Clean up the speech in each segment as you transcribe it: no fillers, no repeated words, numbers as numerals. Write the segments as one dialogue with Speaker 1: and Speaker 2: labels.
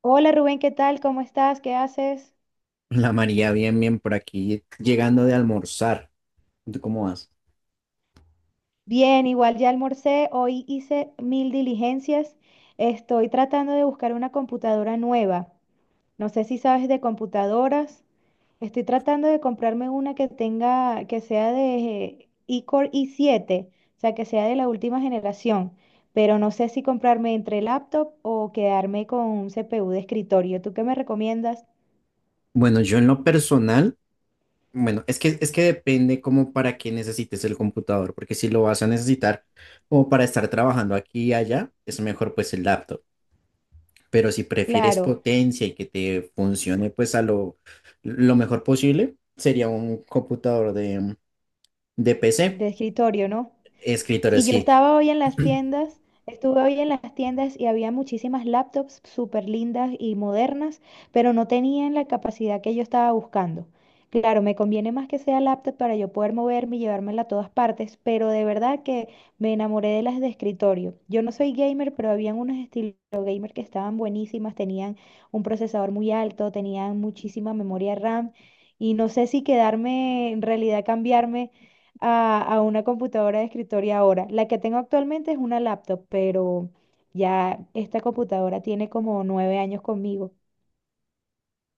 Speaker 1: Hola Rubén, ¿qué tal? ¿Cómo estás? ¿Qué haces?
Speaker 2: La María, bien, bien, por aquí, llegando de almorzar. ¿Tú cómo vas?
Speaker 1: Bien, igual ya almorcé, hoy hice mil diligencias. Estoy tratando de buscar una computadora nueva. No sé si sabes de computadoras. Estoy tratando de comprarme una que sea de iCore i7, o sea, que sea de la última generación, pero no sé si comprarme entre laptop o quedarme con un CPU de escritorio. ¿Tú qué me recomiendas?
Speaker 2: Bueno, yo en lo personal, es que depende como para qué necesites el computador, porque si lo vas a necesitar como para estar trabajando aquí y allá, es mejor pues el laptop. Pero si prefieres
Speaker 1: Claro,
Speaker 2: potencia y que te funcione pues a lo mejor posible, sería un computador de PC,
Speaker 1: de escritorio, ¿no?
Speaker 2: escritorio,
Speaker 1: Si yo
Speaker 2: sí.
Speaker 1: estaba hoy en las tiendas, estuve hoy en las tiendas y había muchísimas laptops súper lindas y modernas, pero no tenían la capacidad que yo estaba buscando. Claro, me conviene más que sea laptop para yo poder moverme y llevármela a todas partes, pero de verdad que me enamoré de las de escritorio. Yo no soy gamer, pero habían unas estilo gamer que estaban buenísimas, tenían un procesador muy alto, tenían muchísima memoria RAM y no sé si quedarme, en realidad cambiarme a una computadora de escritorio ahora. La que tengo actualmente es una laptop, pero ya esta computadora tiene como 9 años conmigo.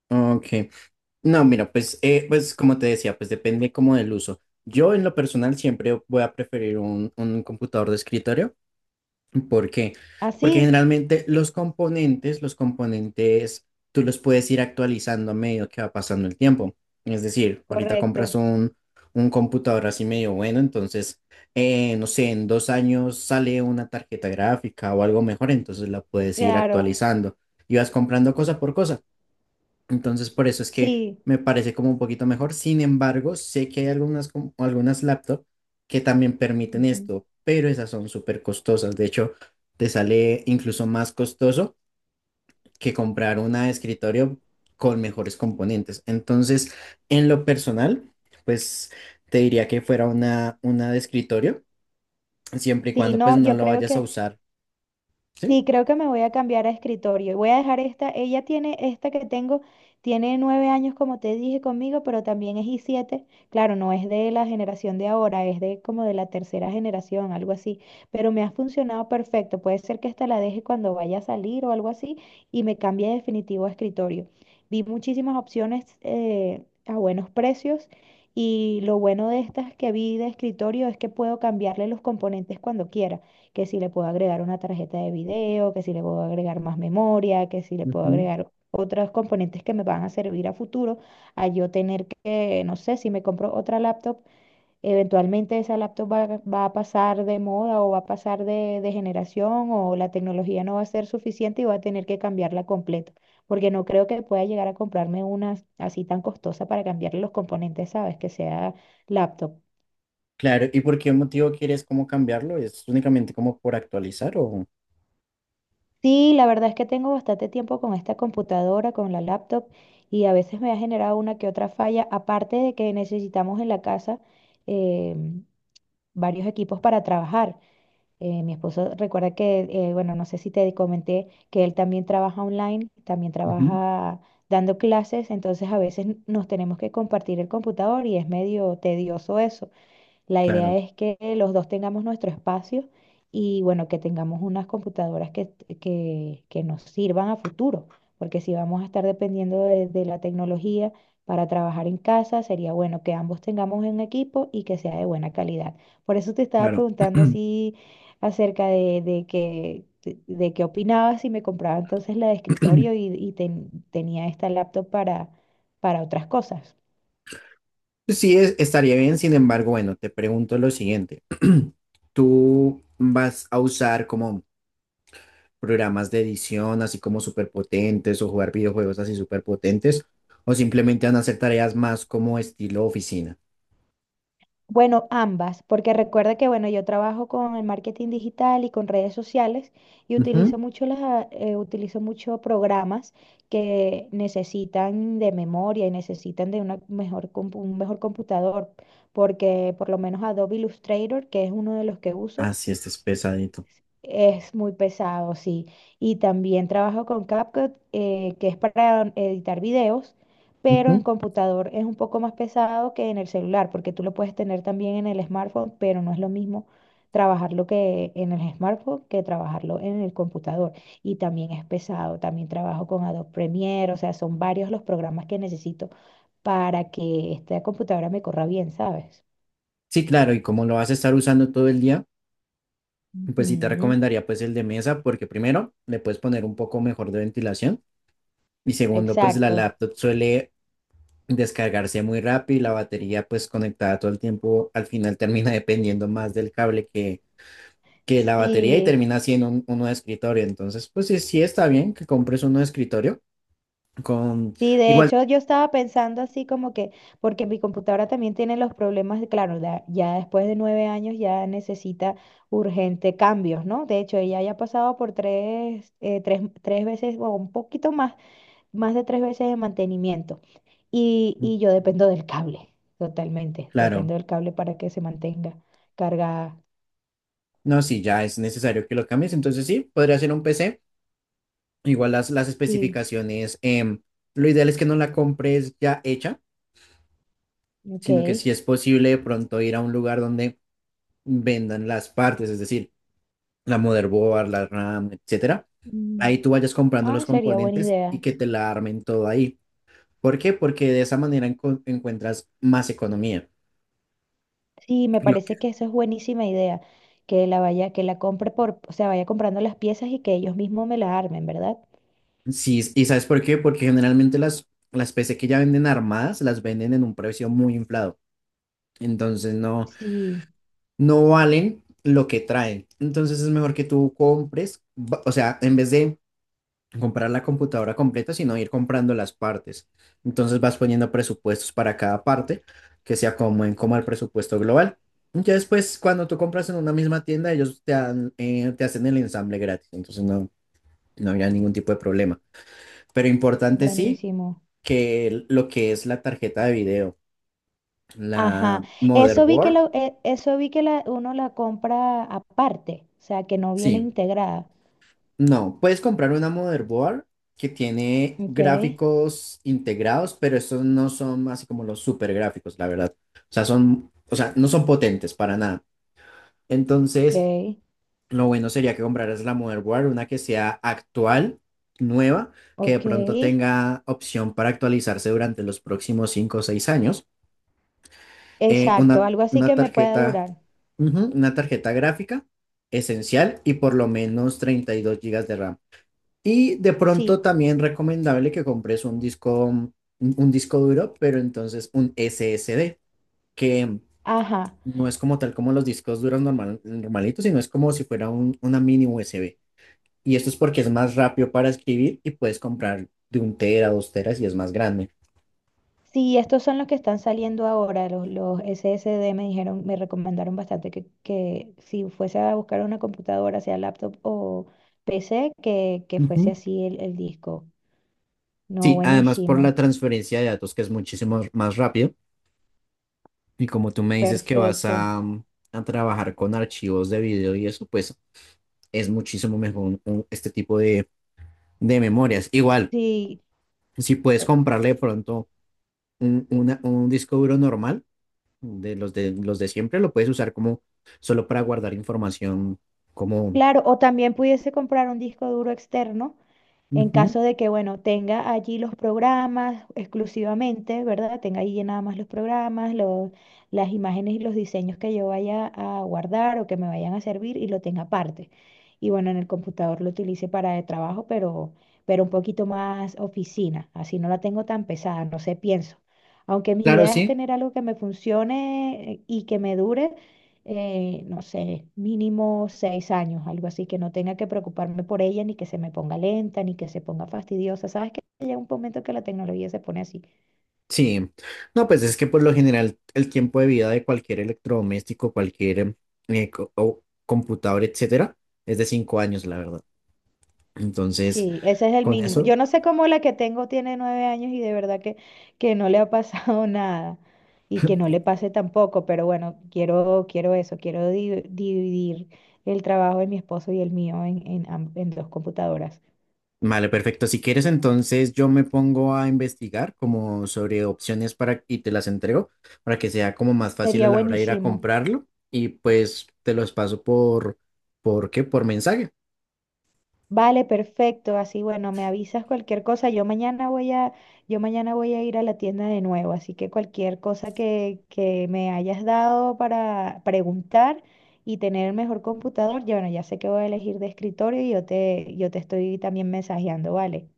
Speaker 2: Ok. No, mira, pues, pues como te decía, pues depende como del uso. Yo en lo personal siempre voy a preferir un computador de escritorio. ¿Por qué? Porque
Speaker 1: Así,
Speaker 2: generalmente los componentes, tú los puedes ir actualizando a medida que va pasando el tiempo. Es decir, ahorita compras
Speaker 1: correcto,
Speaker 2: un computador así medio bueno, entonces, no sé, en dos años sale una tarjeta gráfica o algo mejor, entonces la puedes ir
Speaker 1: claro,
Speaker 2: actualizando y vas comprando cosa por cosa. Entonces, por eso es que
Speaker 1: sí.
Speaker 2: me parece como un poquito mejor. Sin embargo, sé que hay algunas, algunas laptops que también permiten
Speaker 1: Ujú.
Speaker 2: esto, pero esas son súper costosas. De hecho, te sale incluso más costoso que comprar una de escritorio con mejores componentes. Entonces, en lo personal, pues te diría que fuera una de escritorio, siempre y
Speaker 1: Sí,
Speaker 2: cuando pues
Speaker 1: no,
Speaker 2: no
Speaker 1: yo
Speaker 2: lo
Speaker 1: creo
Speaker 2: vayas a
Speaker 1: que,
Speaker 2: usar, ¿sí?
Speaker 1: sí, creo que me voy a cambiar a escritorio y voy a dejar esta. Ella tiene esta que tengo, tiene 9 años, como te dije conmigo, pero también es i7. Claro, no es de la generación de ahora, es de como de la tercera generación, algo así. Pero me ha funcionado perfecto. Puede ser que esta la deje cuando vaya a salir o algo así y me cambie definitivo a escritorio. Vi muchísimas opciones, a buenos precios, y lo bueno de estas que vi de escritorio es que puedo cambiarle los componentes cuando quiera, que si le puedo agregar una tarjeta de video, que si le puedo agregar más memoria, que si le puedo
Speaker 2: Ujú.
Speaker 1: agregar otros componentes que me van a servir a futuro, a yo tener que, no sé, si me compro otra laptop, eventualmente esa laptop va, a pasar de moda o va a pasar de generación o la tecnología no va a ser suficiente y voy a tener que cambiarla completa, porque no creo que pueda llegar a comprarme una así tan costosa para cambiarle los componentes, ¿sabes? Que sea laptop.
Speaker 2: Claro, ¿y por qué motivo quieres como cambiarlo? ¿Es únicamente como por actualizar o...?
Speaker 1: Sí, la verdad es que tengo bastante tiempo con esta computadora, con la laptop, y a veces me ha generado una que otra falla, aparte de que necesitamos en la casa, eh, varios equipos para trabajar. Mi esposo, recuerda que, bueno, no sé si te comenté que él también trabaja online, también
Speaker 2: Ujú.
Speaker 1: trabaja dando clases, entonces a veces nos tenemos que compartir el computador y es medio tedioso eso. La
Speaker 2: Claro,
Speaker 1: idea es que los dos tengamos nuestro espacio y, bueno, que tengamos unas computadoras que nos sirvan a futuro, porque si vamos a estar dependiendo de la tecnología para trabajar en casa, sería bueno que ambos tengamos un equipo y que sea de buena calidad. Por eso te estaba
Speaker 2: claro.
Speaker 1: preguntando así acerca de qué opinabas si me compraba entonces la de escritorio y tenía esta laptop para otras cosas.
Speaker 2: Sí, estaría bien, sin embargo, bueno, te pregunto lo siguiente. ¿Tú vas a usar como programas de edición así como superpotentes o jugar videojuegos así superpotentes o simplemente van a hacer tareas más como estilo oficina?
Speaker 1: Bueno, ambas, porque recuerda que, bueno, yo trabajo con el marketing digital y con redes sociales y utilizo
Speaker 2: Ujú.
Speaker 1: mucho las, ah, eh, utilizo mucho programas que necesitan de memoria y necesitan de un mejor computador, porque por lo menos Adobe Illustrator, que es uno de los que uso,
Speaker 2: Así este es pesadito.
Speaker 1: es muy pesado, sí. Y también trabajo con CapCut, que es para editar videos, pero
Speaker 2: Ujú.
Speaker 1: en computador es un poco más pesado que en el celular, porque tú lo puedes tener también en el smartphone, pero no es lo mismo trabajarlo que en el smartphone que trabajarlo en el computador. Y también es pesado. También trabajo con Adobe Premiere, o sea, son varios los programas que necesito para que esta computadora me corra bien, ¿sabes?
Speaker 2: Sí, claro, y como lo vas a estar usando todo el día, pues sí te
Speaker 1: Ujú.
Speaker 2: recomendaría pues el de mesa porque primero le puedes poner un poco mejor de ventilación y segundo pues la
Speaker 1: Exacto.
Speaker 2: laptop suele descargarse muy rápido y la batería pues conectada todo el tiempo al final termina dependiendo más del cable que la batería y
Speaker 1: Sí.
Speaker 2: termina siendo uno de escritorio. Entonces pues sí, sí está bien que compres uno de escritorio con
Speaker 1: Sí, de
Speaker 2: igual,
Speaker 1: hecho yo estaba pensando así como que, porque mi computadora también tiene los problemas, claro, ya después de 9 años ya necesita urgente cambios, ¿no? De hecho, ella ya ha pasado por tres veces o un poquito más de 3 veces de mantenimiento. Y yo dependo del cable, totalmente,
Speaker 2: claro,
Speaker 1: dependo del cable para que se mantenga cargada.
Speaker 2: no, si ya es necesario que lo cambies, entonces sí, podría ser un PC. Igual las
Speaker 1: Sí,
Speaker 2: especificaciones, lo ideal es que no la compres ya hecha,
Speaker 1: ok.
Speaker 2: sino que si es posible de pronto ir a un lugar donde vendan las partes, es decir, la motherboard, la RAM, etcétera.
Speaker 1: Mm.
Speaker 2: Ahí tú vayas comprando
Speaker 1: Ah,
Speaker 2: los
Speaker 1: sería buena
Speaker 2: componentes y
Speaker 1: idea.
Speaker 2: que te la armen todo ahí. ¿Por qué? Porque de esa manera encuentras más economía.
Speaker 1: Sí, me
Speaker 2: Lo que-
Speaker 1: parece que eso es buenísima idea, que la compre por, o sea, vaya comprando las piezas y que ellos mismos me las armen, ¿verdad?
Speaker 2: Sí, ¿y sabes por qué? Porque generalmente las PC que ya venden armadas las venden en un precio muy inflado. Entonces no,
Speaker 1: Sí,
Speaker 2: no valen lo que traen. Entonces es mejor que tú compres, o sea, en vez de comprar la computadora completa, sino ir comprando las partes. Entonces vas poniendo presupuestos para cada parte que se acomoden como el presupuesto global. Ya después, cuando tú compras en una misma tienda, ellos te hacen el ensamble gratis. Entonces no, no había ningún tipo de problema. Pero importante sí
Speaker 1: buenísimo.
Speaker 2: que lo que es la tarjeta de video,
Speaker 1: Ajá,
Speaker 2: la motherboard,
Speaker 1: eso vi que la, uno la compra aparte, o sea, que no viene
Speaker 2: sí.
Speaker 1: integrada.
Speaker 2: No, puedes comprar una motherboard que tiene
Speaker 1: Ok,
Speaker 2: gráficos integrados, pero estos no son así como los super gráficos, la verdad. O sea, son, no son potentes para nada. Entonces,
Speaker 1: ok,
Speaker 2: lo bueno sería que compraras la motherboard, una que sea actual, nueva, que de
Speaker 1: ok.
Speaker 2: pronto tenga opción para actualizarse durante los próximos 5 o 6 años. Eh,
Speaker 1: Exacto,
Speaker 2: una,
Speaker 1: algo así
Speaker 2: una
Speaker 1: que me pueda
Speaker 2: tarjeta,
Speaker 1: durar.
Speaker 2: ujú, una tarjeta gráfica esencial y por lo menos 32 gigas de RAM. Y de pronto
Speaker 1: Sí,
Speaker 2: también recomendable que compres un disco, un disco duro, pero entonces un SSD, que
Speaker 1: ajá.
Speaker 2: no es como tal como los discos duros normalitos, sino es como si fuera una mini USB. Y esto es porque es más rápido para escribir y puedes comprar de un tera, dos teras y es más grande.
Speaker 1: Sí, estos son los que están saliendo ahora, los SSD me dijeron, me recomendaron bastante que si fuese a buscar una computadora, sea laptop o PC, que fuese
Speaker 2: Ujú.
Speaker 1: así el disco. No,
Speaker 2: Sí, además por la
Speaker 1: buenísimo,
Speaker 2: transferencia de datos que es muchísimo más rápido. Y como tú me dices que vas
Speaker 1: perfecto.
Speaker 2: a, a trabajar con archivos de video y eso, pues es muchísimo mejor este tipo de memorias. Igual,
Speaker 1: Sí,
Speaker 2: si puedes
Speaker 1: o-
Speaker 2: comprarle de pronto un, un disco duro normal, de los de los de siempre, lo puedes usar como solo para guardar información como...
Speaker 1: claro, o también pudiese comprar un disco duro externo. En
Speaker 2: Ujú.
Speaker 1: caso de que, bueno, tenga allí los programas exclusivamente, ¿verdad? Tenga allí nada más los programas, las imágenes y los diseños que yo vaya a guardar o que me vayan a servir, y lo tenga aparte. Y bueno, en el computador lo utilice para el trabajo, pero, un poquito más oficina. Así no la tengo tan pesada, no sé, pienso. Aunque mi
Speaker 2: Claro,
Speaker 1: idea es
Speaker 2: sí.
Speaker 1: tener algo que me funcione, y que me dure, no sé, mínimo 6 años, algo así, que no tenga que preocuparme por ella, ni que se me ponga lenta, ni que se ponga fastidiosa. Sabes que llega un momento que la tecnología se pone así.
Speaker 2: Sí. No, pues es que por lo general el tiempo de vida de cualquier electrodoméstico, cualquier co- o computador, etcétera, es de 5 años, la verdad. Entonces,
Speaker 1: Sí, ese es el
Speaker 2: con
Speaker 1: mínimo.
Speaker 2: eso,
Speaker 1: Yo no sé cómo la que tengo tiene nueve años y de verdad que, no le ha pasado nada. Y que no le pase tampoco, pero bueno, quiero, eso, quiero dividir el trabajo de mi esposo y el mío en dos computadoras.
Speaker 2: vale, perfecto. Si quieres, entonces yo me pongo a investigar como sobre opciones para y te las entrego para que sea como más fácil a
Speaker 1: Sería
Speaker 2: la hora de ir a
Speaker 1: buenísimo.
Speaker 2: comprarlo y pues te los paso ¿por qué? Por mensaje.
Speaker 1: Vale, perfecto. Así, bueno, me avisas cualquier cosa. Yo mañana voy a ir a la tienda de nuevo, así que cualquier cosa que me hayas dado para preguntar y tener el mejor computador, ya, bueno, ya sé que voy a elegir de escritorio y yo te estoy también mensajeando, ¿vale?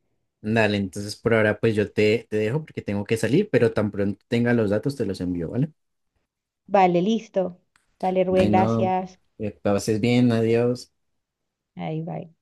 Speaker 2: Dale, entonces por ahora pues yo te dejo porque tengo que salir, pero tan pronto tenga los datos te los envío, ¿vale?
Speaker 1: Vale, listo. Dale, Rubén,
Speaker 2: Bueno,
Speaker 1: gracias.
Speaker 2: pases bien, adiós.
Speaker 1: Ahí, bye.